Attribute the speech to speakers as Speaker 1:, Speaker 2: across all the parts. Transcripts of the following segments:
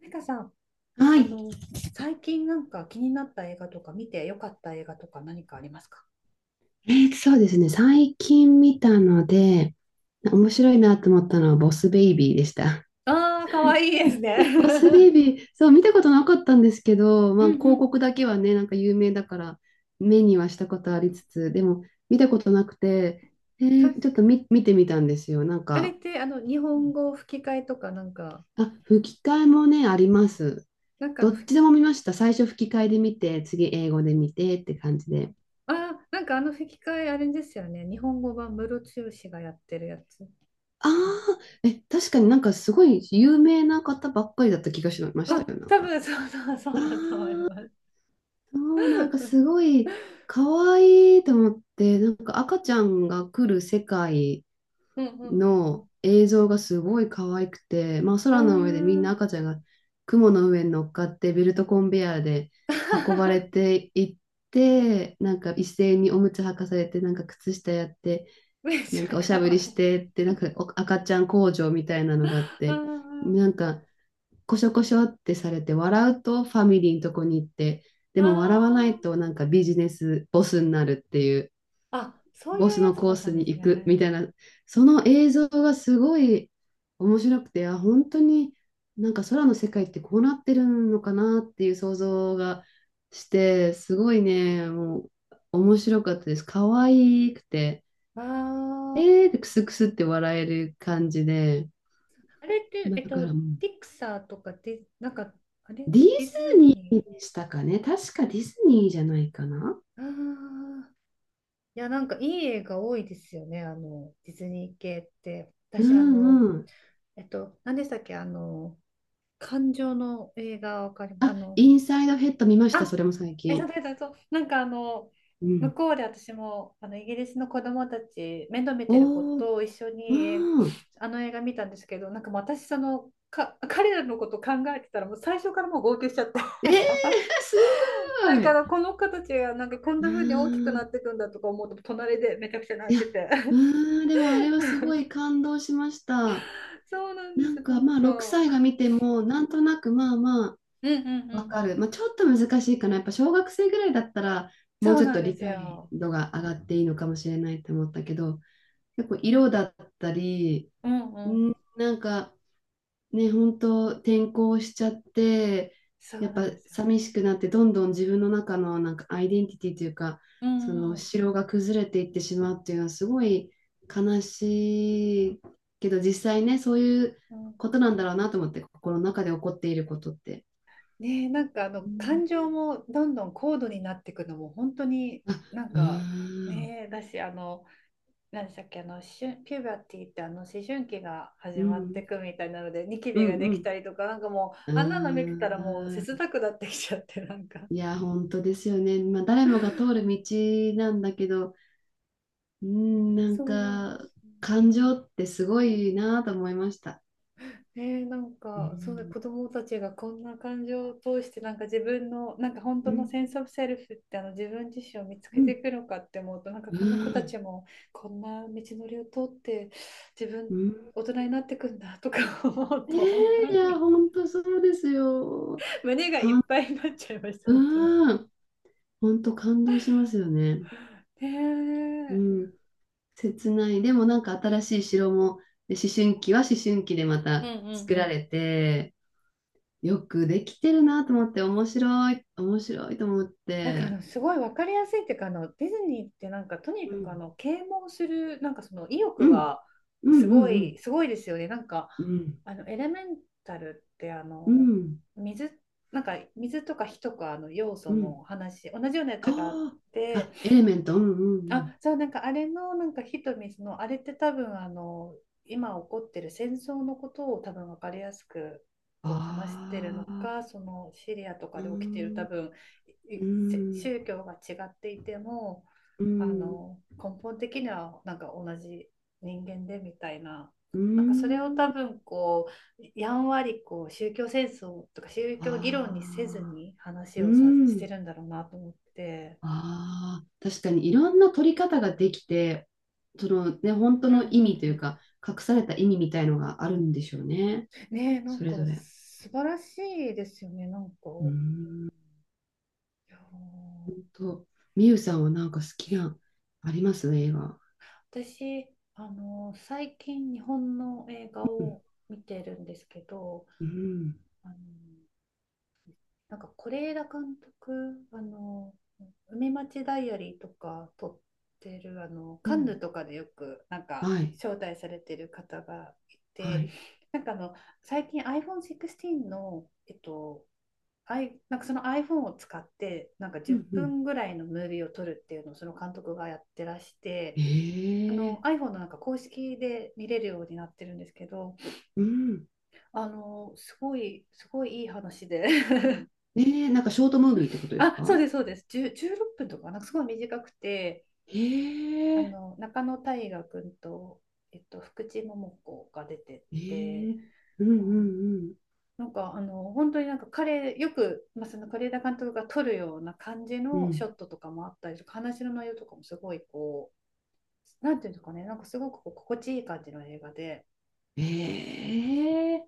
Speaker 1: なんかさ、
Speaker 2: は
Speaker 1: あ
Speaker 2: い。
Speaker 1: の、最近なんか気になった映画とか見てよかった映画とか何かありますか？
Speaker 2: そうですね。最近見たので、面白いなと思ったのはボスベイビーでした。
Speaker 1: ああー、かわいいですね。
Speaker 2: ボスベイ ビー、そう、見たことなかったんですけど、
Speaker 1: う
Speaker 2: まあ、
Speaker 1: ん
Speaker 2: 広
Speaker 1: うん、
Speaker 2: 告だけはね、なんか有名だから、目にはしたことありつつ、でも、見たことなくて、え
Speaker 1: 確か
Speaker 2: ーちょっと見、見てみたんですよ。なん
Speaker 1: あれっ
Speaker 2: か、
Speaker 1: てあの日本語吹き替えとかなんか、
Speaker 2: あ、吹き替えもね、あります。
Speaker 1: なんかあの、
Speaker 2: どっちでも見ました。最初吹き替えで見て、次英語で見てって感じで。
Speaker 1: あー、なんかあの吹き替えあれですよね。日本語版ムロツヨシがやってるやつ
Speaker 2: あ
Speaker 1: かな。
Speaker 2: あ、え、確かになんかすごい有名な方ばっかりだった気がしまし
Speaker 1: あ、
Speaker 2: たよ、なん
Speaker 1: 多
Speaker 2: か。
Speaker 1: 分そうそうそ
Speaker 2: あ
Speaker 1: うだと思いま
Speaker 2: あ、
Speaker 1: す。
Speaker 2: そうなんかすごい可愛いと思って、なんか赤ちゃんが来る世界
Speaker 1: うんうんうんう
Speaker 2: の映像がすごい可愛くて、まあ空の上でみん
Speaker 1: ん、あ
Speaker 2: な赤
Speaker 1: あ、
Speaker 2: ちゃんが雲の上に乗っかってベルトコンベヤーで運ばれ ていって、なんか一斉におむつ履かされて、なんか靴下やって、
Speaker 1: めっち
Speaker 2: なん
Speaker 1: ゃ
Speaker 2: かおしゃ
Speaker 1: か
Speaker 2: べ
Speaker 1: わ
Speaker 2: り
Speaker 1: い
Speaker 2: し
Speaker 1: い。
Speaker 2: てって、なんかお赤ちゃん工場みたいなのがあって、
Speaker 1: あ
Speaker 2: なんかこしょこしょってされて、笑うとファミリーのとこに行って、でも笑わな
Speaker 1: あ
Speaker 2: いと
Speaker 1: あ
Speaker 2: なんかビジネスボスになるっていう、
Speaker 1: あ、そうい
Speaker 2: ボ
Speaker 1: う
Speaker 2: ス
Speaker 1: や
Speaker 2: の
Speaker 1: つ
Speaker 2: コ
Speaker 1: だ
Speaker 2: ー
Speaker 1: った
Speaker 2: ス
Speaker 1: ん
Speaker 2: に
Speaker 1: です
Speaker 2: 行くみ
Speaker 1: ね。
Speaker 2: たいな、その映像がすごい面白くて、あ、本当になんか空の世界ってこうなってるのかなっていう想像がして、すごいね、もう面白かったです。可愛くて。
Speaker 1: ああ、
Speaker 2: でクスクスって笑える感じで、
Speaker 1: あれって、
Speaker 2: だからもう、
Speaker 1: ピクサーとかで、なんか、あれ、
Speaker 2: ディ
Speaker 1: ディ
Speaker 2: ズ
Speaker 1: ズ
Speaker 2: ニ
Speaker 1: ニ
Speaker 2: ーでしたかね。確かディズニーじゃないかな。
Speaker 1: ー。ああ、いや、なんかいい映画多いですよね、あの、ディズニー系って。
Speaker 2: う
Speaker 1: 私、あの、
Speaker 2: んうん。
Speaker 1: 何でしたっけ、あの、感情の映画わかります。あ
Speaker 2: あ、
Speaker 1: の、
Speaker 2: インサイドヘッド見ました、
Speaker 1: あ、
Speaker 2: それも最
Speaker 1: え、そう
Speaker 2: 近。
Speaker 1: そうそう。なんかあの、
Speaker 2: う
Speaker 1: 向
Speaker 2: ん。
Speaker 1: こうで私もあのイギリスの子供たち、面倒見てる子
Speaker 2: おー、
Speaker 1: と一緒に
Speaker 2: うん。
Speaker 1: あの映画見たんですけど、なんかもう私、その、彼らのこと考えてたら、もう最初からもう号泣しちゃって、
Speaker 2: えー、
Speaker 1: なんか、
Speaker 2: す
Speaker 1: なん
Speaker 2: ご
Speaker 1: かあ
Speaker 2: い。
Speaker 1: のこの子たちがなんかこん
Speaker 2: う
Speaker 1: な風に大きく
Speaker 2: ー
Speaker 1: な
Speaker 2: ん。
Speaker 1: っていくんだとか思うと、隣でめちゃくちゃ
Speaker 2: い
Speaker 1: 泣い
Speaker 2: や、
Speaker 1: てて。
Speaker 2: うーん、でもあれはすごい 感動しました。
Speaker 1: そうなんで
Speaker 2: な
Speaker 1: す
Speaker 2: ん
Speaker 1: よ、な
Speaker 2: か
Speaker 1: ん
Speaker 2: まあ、6
Speaker 1: か。
Speaker 2: 歳が見ても、なんとなくまあまあ、
Speaker 1: うんうんう
Speaker 2: わ
Speaker 1: ん
Speaker 2: か
Speaker 1: う
Speaker 2: る。
Speaker 1: ん。
Speaker 2: まあ、ちょっと難しいかな。やっぱ小学生ぐらいだったら、もう
Speaker 1: そう
Speaker 2: ちょっ
Speaker 1: なん
Speaker 2: と
Speaker 1: で
Speaker 2: 理
Speaker 1: す
Speaker 2: 解
Speaker 1: よ。
Speaker 2: 度が上がっていいのかもしれないと思ったけど、結構色だったり、
Speaker 1: うんうん。
Speaker 2: うん、なんかね、本当転校しちゃって、
Speaker 1: そう
Speaker 2: やっ
Speaker 1: なん
Speaker 2: ぱ
Speaker 1: ですよ。
Speaker 2: 寂しくなって、どんどん自分の中のなんかアイデンティティというか、
Speaker 1: う
Speaker 2: そ
Speaker 1: ん
Speaker 2: の
Speaker 1: うん。
Speaker 2: 城が崩れていってしまうっていうのはすごい悲しいけど、実際ね、そういう
Speaker 1: うん。
Speaker 2: ことなんだろうなと思って、心の中で起こっていることって。
Speaker 1: ねえ、なんかあ
Speaker 2: う
Speaker 1: の感
Speaker 2: ん
Speaker 1: 情もどんどん高度になっていくのも本当になん
Speaker 2: うー
Speaker 1: か、
Speaker 2: ん
Speaker 1: ねえ、だしあの、何でしたっけ、あのピューバティってあの思春期が
Speaker 2: う
Speaker 1: 始まって
Speaker 2: ん、
Speaker 1: いくみたいなので、ニキ
Speaker 2: う
Speaker 1: ビが
Speaker 2: ん、
Speaker 1: で
Speaker 2: う
Speaker 1: き
Speaker 2: ん。
Speaker 1: たりとか、なんかもう
Speaker 2: う
Speaker 1: あんなの見てたらもう切
Speaker 2: ーん。
Speaker 1: なくなってきちゃって、なんか、
Speaker 2: いや、本当ですよね。まあ、誰もが通る道なんだけど、うん、なん
Speaker 1: そうなんで
Speaker 2: か、
Speaker 1: すね。
Speaker 2: 感情ってすごいなと思いました。
Speaker 1: ねえ、なん
Speaker 2: う
Speaker 1: か、そうだ、子
Speaker 2: ん。
Speaker 1: 供たちがこんな感情を通して、なんか自分の、なんか本
Speaker 2: う
Speaker 1: 当の
Speaker 2: ん、
Speaker 1: センスオブセルフってあの自分自身を見つ
Speaker 2: う
Speaker 1: けて
Speaker 2: ん、
Speaker 1: いくのかって思うと、なんか
Speaker 2: う
Speaker 1: この子た
Speaker 2: ん。
Speaker 1: ちもこんな道のりを通って自
Speaker 2: う
Speaker 1: 分、
Speaker 2: ん、
Speaker 1: 大人になってくんだとか思う
Speaker 2: え
Speaker 1: と、本当
Speaker 2: ーいや、
Speaker 1: に
Speaker 2: 本当そうですよ。
Speaker 1: 胸がいっぱいになっちゃいました、本当に。
Speaker 2: うん。本当感動しますよね。う
Speaker 1: ね
Speaker 2: ん。
Speaker 1: え。
Speaker 2: 切ない。でもなんか新しい城も、で思春期は思春期でま
Speaker 1: うん
Speaker 2: た
Speaker 1: うん
Speaker 2: 作
Speaker 1: う
Speaker 2: ら
Speaker 1: ん。
Speaker 2: れて、よくできてるなと思って、面白い、面白いと思っ
Speaker 1: なんかあ
Speaker 2: て、
Speaker 1: のすごい分かりやすいっていうか、あのディズニーってなんかとに
Speaker 2: う
Speaker 1: かくあ
Speaker 2: ん、
Speaker 1: の啓蒙するなんかその意
Speaker 2: う
Speaker 1: 欲
Speaker 2: ん、
Speaker 1: が
Speaker 2: うん、
Speaker 1: す
Speaker 2: う
Speaker 1: ご
Speaker 2: ん、うん、
Speaker 1: い、すごいですよね、なんか、
Speaker 2: うん、
Speaker 1: あのエレメンタルってあ
Speaker 2: う
Speaker 1: の
Speaker 2: ん、
Speaker 1: 水なんか水とか火とかの要素
Speaker 2: う
Speaker 1: の
Speaker 2: ん
Speaker 1: 話、同じようなやつがあっ
Speaker 2: ああ、
Speaker 1: て、
Speaker 2: あ、エレメント、うん、うん、うん、
Speaker 1: あ、そう、なんかあれの、なんかヒトミスの、あれって多分、あの、今起こってる戦争のことを多分分かりやすくこう話してるの
Speaker 2: ああ、
Speaker 1: か、そのシリアとか
Speaker 2: う
Speaker 1: で起きてる多
Speaker 2: ん、
Speaker 1: 分、い
Speaker 2: う
Speaker 1: せ
Speaker 2: ん、
Speaker 1: 宗教が違っていても、
Speaker 2: う
Speaker 1: あ
Speaker 2: ん、
Speaker 1: の、根本的にはなんか同じ人間でみたいな、
Speaker 2: う
Speaker 1: なんかそれを多
Speaker 2: ん、
Speaker 1: 分こう、やんわりこう宗教戦争とか宗教議論にせず
Speaker 2: ああ、
Speaker 1: に話
Speaker 2: う
Speaker 1: をさして
Speaker 2: ん、
Speaker 1: るんだろうなと思って。
Speaker 2: ああ、確かにいろんな取り方ができて、そのね、本当
Speaker 1: うんう
Speaker 2: の
Speaker 1: ん
Speaker 2: 意
Speaker 1: う
Speaker 2: 味という
Speaker 1: ん。
Speaker 2: か、隠された意味みたいのがあるんでしょうね、
Speaker 1: ねえ、な
Speaker 2: そ
Speaker 1: ん
Speaker 2: れ
Speaker 1: か
Speaker 2: ぞれ。
Speaker 1: 素晴らしいですよね、なんか。
Speaker 2: うーん
Speaker 1: いや
Speaker 2: 本
Speaker 1: ー、
Speaker 2: 当、みゆさんはなんか好きな、あります映画。
Speaker 1: 私、あの、最近日本の映画
Speaker 2: うん、
Speaker 1: を見てるんですけど、
Speaker 2: うん、
Speaker 1: あの、なんか是枝監督、あの、海町ダイアリーとか撮ってる、あの、
Speaker 2: う
Speaker 1: カンヌ
Speaker 2: ん、
Speaker 1: とかでよく、なんか
Speaker 2: はい、
Speaker 1: 招待されてる方がい
Speaker 2: は
Speaker 1: て、
Speaker 2: い。
Speaker 1: なんかあの、最近 iPhone16 の、なんかその iPhone を使って、なんか
Speaker 2: う
Speaker 1: 10
Speaker 2: ん、うん。
Speaker 1: 分ぐらいのムービーを撮るっていうのをその監督がやってらして、あの
Speaker 2: ええ
Speaker 1: iPhone のなんか公式で見れるようになってるんですけど、
Speaker 2: うん。
Speaker 1: あのすごい、すごいいい話で。
Speaker 2: ええなんかショートムービーってことです
Speaker 1: あ、そう
Speaker 2: か？
Speaker 1: です、そうです、10、16分とか、なんかすごい短くて、あ
Speaker 2: ええ
Speaker 1: の中野大河君と、えっと、福地桃子が出てっ
Speaker 2: え
Speaker 1: て、
Speaker 2: えうん、う
Speaker 1: あの、
Speaker 2: ん、
Speaker 1: なんかあの本当になんか彼よく、まあ、その是枝監督が撮るような感じ
Speaker 2: うん、う
Speaker 1: のショ
Speaker 2: ん。
Speaker 1: ットとかもあったりとか、話の内容とかもすごいこう、なんていうんですかね、なんかすごくこう心地いい感じの映画で。
Speaker 2: ええ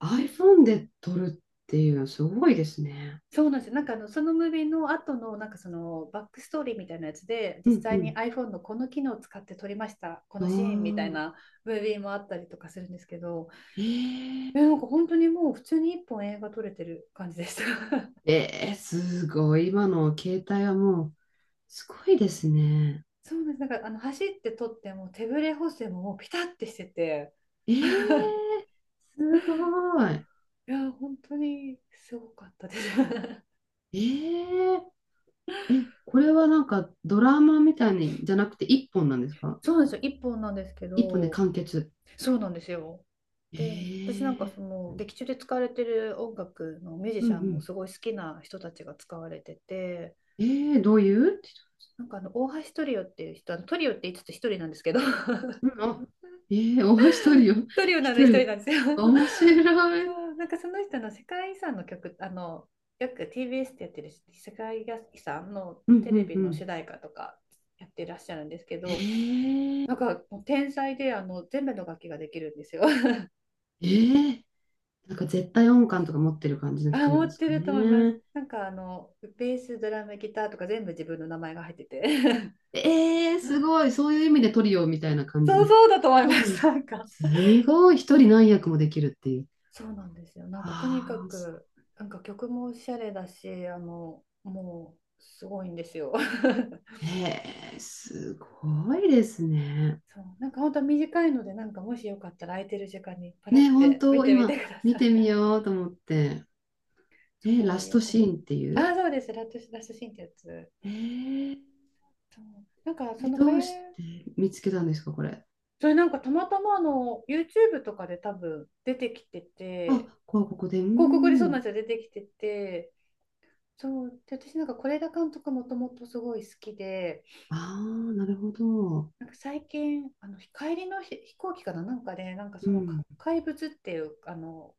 Speaker 2: iPhone で撮るっていうのはすごいですね。
Speaker 1: そうなんですよ、なんかあのそのムービーの後のなんかそのバックストーリーみたいなやつで、
Speaker 2: う
Speaker 1: 実際に
Speaker 2: ん、
Speaker 1: iPhone のこの機能を使って撮りましたこ
Speaker 2: う
Speaker 1: のシーンみたい
Speaker 2: ん。ああ、
Speaker 1: なムービーもあったりとかするんですけど、
Speaker 2: ええ
Speaker 1: えなんか本当にもう普通に一本映画撮れてる感じでした。
Speaker 2: ええすごい。今の携帯はもう、すごいですね。
Speaker 1: そうです、なんかあの走って撮っても手ぶれ補正ももうピタッてしてて、
Speaker 2: え
Speaker 1: い
Speaker 2: えすごい。
Speaker 1: や、本当にすごかったです。
Speaker 2: えええ、これはなんかドラマみたいにじゃなくて一本なんですか？
Speaker 1: そうなんですよ、一本なんですけ
Speaker 2: 一本で
Speaker 1: ど、
Speaker 2: 完結。
Speaker 1: そうなんですよ。で、私なんか
Speaker 2: ええ
Speaker 1: その劇中で使われてる音楽のミュージ
Speaker 2: うん
Speaker 1: シ
Speaker 2: う
Speaker 1: ャンも
Speaker 2: ん。
Speaker 1: すごい好きな人たちが使われてて、
Speaker 2: ええどういう？
Speaker 1: なんかあの大橋トリオっていう人、あのトリオって言いつつ一人なんですけど、
Speaker 2: うん、あ、ええお、一人よ。
Speaker 1: トリオ なのに
Speaker 2: 一
Speaker 1: 一人
Speaker 2: 人。
Speaker 1: なんですよ。
Speaker 2: 面 白い。
Speaker 1: そう、なんかその人の世界遺産の曲、あの、よく TBS ってやってる世界遺産の
Speaker 2: うん
Speaker 1: テ
Speaker 2: う
Speaker 1: レ
Speaker 2: ん
Speaker 1: ビ
Speaker 2: う
Speaker 1: の
Speaker 2: ん。
Speaker 1: 主題歌とかやってらっしゃるんですけど、
Speaker 2: ええ
Speaker 1: なん
Speaker 2: え
Speaker 1: かもう天才であの全部の楽器ができるんですよ。
Speaker 2: ーなんか絶対音感とか持ってる感じの
Speaker 1: あ、
Speaker 2: 人なん
Speaker 1: 持
Speaker 2: で
Speaker 1: っ
Speaker 2: す
Speaker 1: て
Speaker 2: か
Speaker 1: ると思います。
Speaker 2: ね？
Speaker 1: なんかあのベース、ドラム、ギターとか全部自分の名前が入ってて。
Speaker 2: ええす ごい。そういう意味でトリオみたいな感じ
Speaker 1: そう
Speaker 2: で。
Speaker 1: そうだと思い
Speaker 2: 一
Speaker 1: ます。
Speaker 2: 人、
Speaker 1: なんか。
Speaker 2: すごい、一人何役もできるっていう。
Speaker 1: そうなんですよ。なんかとにか
Speaker 2: ああ、そ
Speaker 1: く、なんか曲もおしゃれだし、あの、もうすごいんですよ。
Speaker 2: うえー、すごいですね。
Speaker 1: そう、なんか本当は短いので、なんかもしよかったら空いてる時間にパラっ
Speaker 2: ね、本
Speaker 1: て見
Speaker 2: 当、
Speaker 1: てみ
Speaker 2: 今、
Speaker 1: てくだ
Speaker 2: 見
Speaker 1: さい。
Speaker 2: てみ ようと思って。
Speaker 1: す
Speaker 2: え、ラ
Speaker 1: ごい
Speaker 2: ス
Speaker 1: よ
Speaker 2: ト
Speaker 1: か
Speaker 2: シ
Speaker 1: っ
Speaker 2: ーンってい
Speaker 1: た。あ、
Speaker 2: う。
Speaker 1: そうです。ラットラスシシーンってやつ。
Speaker 2: ええ、
Speaker 1: そう、なんかそ
Speaker 2: え
Speaker 1: のこ
Speaker 2: どうし
Speaker 1: れ
Speaker 2: て見つけたんですか、これ？
Speaker 1: それなんかたまたまあの YouTube とかで多分出てきてて、
Speaker 2: あ、ここ、ここで、うー
Speaker 1: 広告でそうなん
Speaker 2: ん。
Speaker 1: ですよ、出てきてて、そう、で私なんか是枝監督もともとすごい好きで、
Speaker 2: ああ、なるほど。
Speaker 1: なんか最近、あの帰りの飛行機かな、なんかで、なんかそ
Speaker 2: う
Speaker 1: の
Speaker 2: ん、
Speaker 1: 怪物っていう、あの、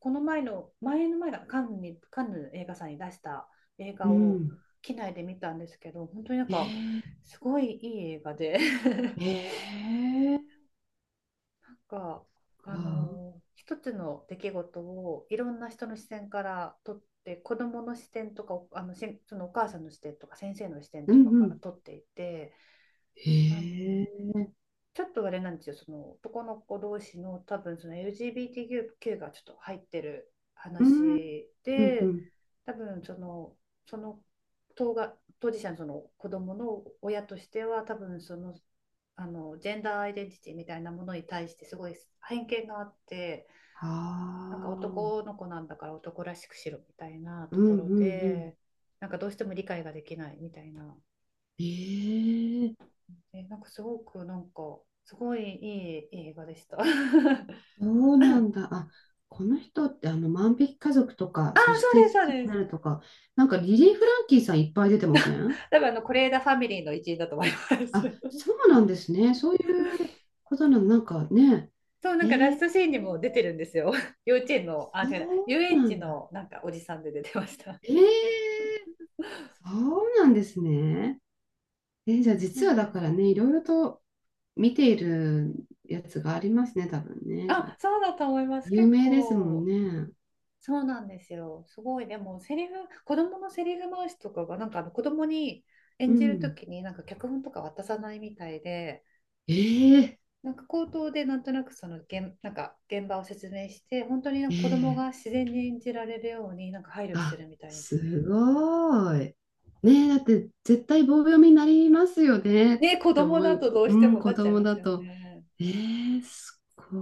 Speaker 1: この前の、前の前がカンヌに、カンヌ映画祭に出した映
Speaker 2: う
Speaker 1: 画を
Speaker 2: ん。
Speaker 1: 機内で見たんですけど、本当になん
Speaker 2: え
Speaker 1: か
Speaker 2: え、
Speaker 1: すごいいい映画で。
Speaker 2: ええ、
Speaker 1: か、あ
Speaker 2: か。
Speaker 1: の一つの出来事をいろんな人の視線から撮って、子どもの視点とか、お、あのしそのお母さんの視点とか先生の視点
Speaker 2: う
Speaker 1: と
Speaker 2: ん、
Speaker 1: か
Speaker 2: う
Speaker 1: から
Speaker 2: ん。
Speaker 1: 撮っていて、
Speaker 2: え
Speaker 1: あのー、
Speaker 2: え、
Speaker 1: ちょっとあれなんですよ、その男の子同士の多分その LGBTQ がちょっと入ってる
Speaker 2: うん、
Speaker 1: 話
Speaker 2: うん、う
Speaker 1: で、
Speaker 2: ん。
Speaker 1: 多分その、その当事者のその子供の親としては、多分その、あのジェンダーアイデンティティみたいなものに対してすごい偏見があって、
Speaker 2: あ
Speaker 1: なんか
Speaker 2: あ。
Speaker 1: 男の子なんだから男らしくしろみたいなと
Speaker 2: うん
Speaker 1: ころ
Speaker 2: うんうん。
Speaker 1: で、なんかどうしても理解ができないみたいな、
Speaker 2: ええ
Speaker 1: え、なんかすごくなんか、すごいいい映画でした。あ
Speaker 2: そうなんだ。あ、この人ってあの万引き家族とか、
Speaker 1: あ、
Speaker 2: そし
Speaker 1: そう
Speaker 2: て
Speaker 1: です、そう
Speaker 2: 父に
Speaker 1: で
Speaker 2: なる
Speaker 1: す。
Speaker 2: とか、なんかリリー・フランキーさんいっぱい出てません？
Speaker 1: 多分あの、是枝ファミリーの一員だと思います。
Speaker 2: あ、そうなんですね。そういうことなの、なんかね。
Speaker 1: そう、なんかラ
Speaker 2: え
Speaker 1: ス
Speaker 2: え
Speaker 1: トシーンにも出てるんですよ。幼稚園の、あ、
Speaker 2: そ
Speaker 1: 違うな、遊
Speaker 2: う
Speaker 1: 園
Speaker 2: な
Speaker 1: 地
Speaker 2: んだ。
Speaker 1: のなんかおじさんで出てました。
Speaker 2: ええそうなんですね。えーじゃあ
Speaker 1: そう
Speaker 2: 実は
Speaker 1: なん
Speaker 2: だ
Speaker 1: です
Speaker 2: から
Speaker 1: よ。
Speaker 2: ね、いろいろと見ているやつがありますね、多分ね。じゃ
Speaker 1: あ、
Speaker 2: あ、
Speaker 1: そうだと思います。
Speaker 2: 有
Speaker 1: 結
Speaker 2: 名ですもん
Speaker 1: 構、
Speaker 2: ね。
Speaker 1: そうなんですよ。すごい、でも、セリフ、子供のセリフ回しとかが、なんかあの子供に
Speaker 2: う
Speaker 1: 演じると
Speaker 2: ん。
Speaker 1: きに、なんか脚本とか渡さないみたいで、
Speaker 2: ええ
Speaker 1: なんか口頭でなんとなくそのなんか現場を説明して、本当になんか子供
Speaker 2: え
Speaker 1: が
Speaker 2: え
Speaker 1: 自然に演じられるようになんか配慮して
Speaker 2: あ、
Speaker 1: るみたいですね。
Speaker 2: すごい。ねえ、だって絶対棒読みになりますよねっ
Speaker 1: ね、子
Speaker 2: て思
Speaker 1: 供だとど
Speaker 2: う、
Speaker 1: うし
Speaker 2: う
Speaker 1: て
Speaker 2: ん、
Speaker 1: もな
Speaker 2: 子
Speaker 1: っちゃい
Speaker 2: 供
Speaker 1: ま
Speaker 2: だ
Speaker 1: すよ
Speaker 2: と。
Speaker 1: ね。
Speaker 2: ええすご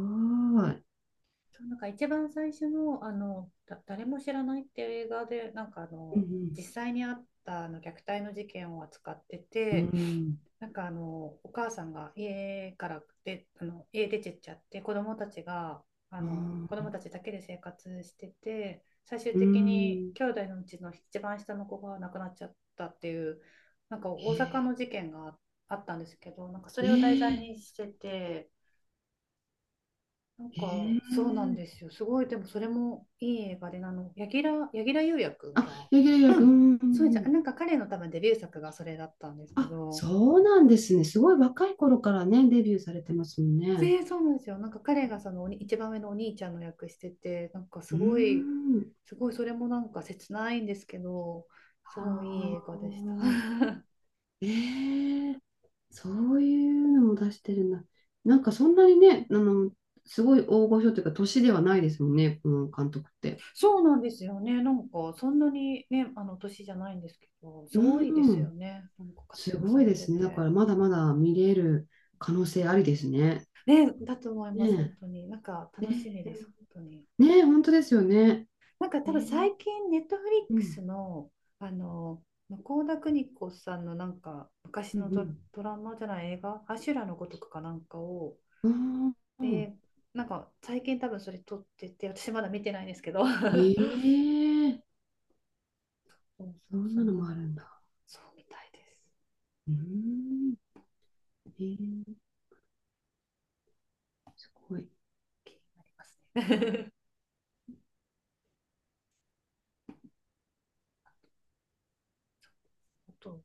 Speaker 2: い。
Speaker 1: そう、なんか一番最初の、あの、だ、誰も知らないっていう映画で、なんかあ
Speaker 2: う
Speaker 1: の、実
Speaker 2: ん、
Speaker 1: 際にあったあの虐待の事件を扱って
Speaker 2: う
Speaker 1: て、
Speaker 2: ん、
Speaker 1: なんかあのお母さんが家からで、あの家出てっちゃって、
Speaker 2: うん、
Speaker 1: 子供たちだけで生活してて、最終
Speaker 2: う
Speaker 1: 的に
Speaker 2: ん、
Speaker 1: 兄弟のうちの一番下の子が亡くなっちゃったっていう、なんか
Speaker 2: え
Speaker 1: 大阪
Speaker 2: え
Speaker 1: の事件があったんですけど、なんかそれを題材
Speaker 2: ええ
Speaker 1: にしてて、なんか
Speaker 2: え
Speaker 1: そうなん
Speaker 2: え
Speaker 1: ですよ、すごい、でもそれもいい映画で、あの柳楽優弥くん
Speaker 2: あ、
Speaker 1: が
Speaker 2: 柳
Speaker 1: う
Speaker 2: 楽役、う
Speaker 1: ん、
Speaker 2: ん、うんう
Speaker 1: そうじゃん、
Speaker 2: ん
Speaker 1: なんか彼の多分デビュー作がそれだったんですけ
Speaker 2: あ、
Speaker 1: ど、
Speaker 2: そうなんですね。すごい若い頃からね、デビューされてますもんね。
Speaker 1: えーそうなんですよ。なんか彼がその一番上のお兄ちゃんの役してて、なんか
Speaker 2: う
Speaker 1: す
Speaker 2: ー
Speaker 1: ごい、
Speaker 2: ん。
Speaker 1: すごいそれもなんか切ないんですけど、すごいいい
Speaker 2: あ
Speaker 1: 映画でした。
Speaker 2: あ。ええそういうのも出してるんだ。なんかそんなにね、あの、すごい大御所というか、年ではないですもんね、この監督って。
Speaker 1: そうなんですよね。なんかそんなにね、あの年じゃないんですけど、す
Speaker 2: う
Speaker 1: ごいですよ
Speaker 2: ん、
Speaker 1: ね。なんか活
Speaker 2: す
Speaker 1: 躍
Speaker 2: ご
Speaker 1: さ
Speaker 2: い
Speaker 1: れ
Speaker 2: で
Speaker 1: て
Speaker 2: すね。だか
Speaker 1: て。
Speaker 2: らまだまだ見れる可能性ありですね。
Speaker 1: ね、だと思います、本
Speaker 2: ね
Speaker 1: 当に。なんか
Speaker 2: え。え
Speaker 1: 楽しみです、
Speaker 2: ー
Speaker 1: 本当に。
Speaker 2: ねえ、本当ですよね。
Speaker 1: なんか
Speaker 2: え
Speaker 1: 多分
Speaker 2: ー、
Speaker 1: 最近、ネットフリッ
Speaker 2: う
Speaker 1: クス
Speaker 2: ん、
Speaker 1: の、あの、向田邦子さんのなんか昔
Speaker 2: う
Speaker 1: のド、
Speaker 2: ん、
Speaker 1: ドラマじゃない映画、アシュラのごとくかなんかを、
Speaker 2: うん。あ
Speaker 1: えー、
Speaker 2: あ、
Speaker 1: なんか最近多分それ撮ってて、私まだ見てないんですけど、
Speaker 2: ええ
Speaker 1: そう、
Speaker 2: そん
Speaker 1: そ
Speaker 2: な
Speaker 1: ん
Speaker 2: の
Speaker 1: な
Speaker 2: も
Speaker 1: の
Speaker 2: ある
Speaker 1: あっ
Speaker 2: ん
Speaker 1: て、
Speaker 2: だ。
Speaker 1: そうみたいです。
Speaker 2: うん、えー、すごい。
Speaker 1: 気になりますね。あと、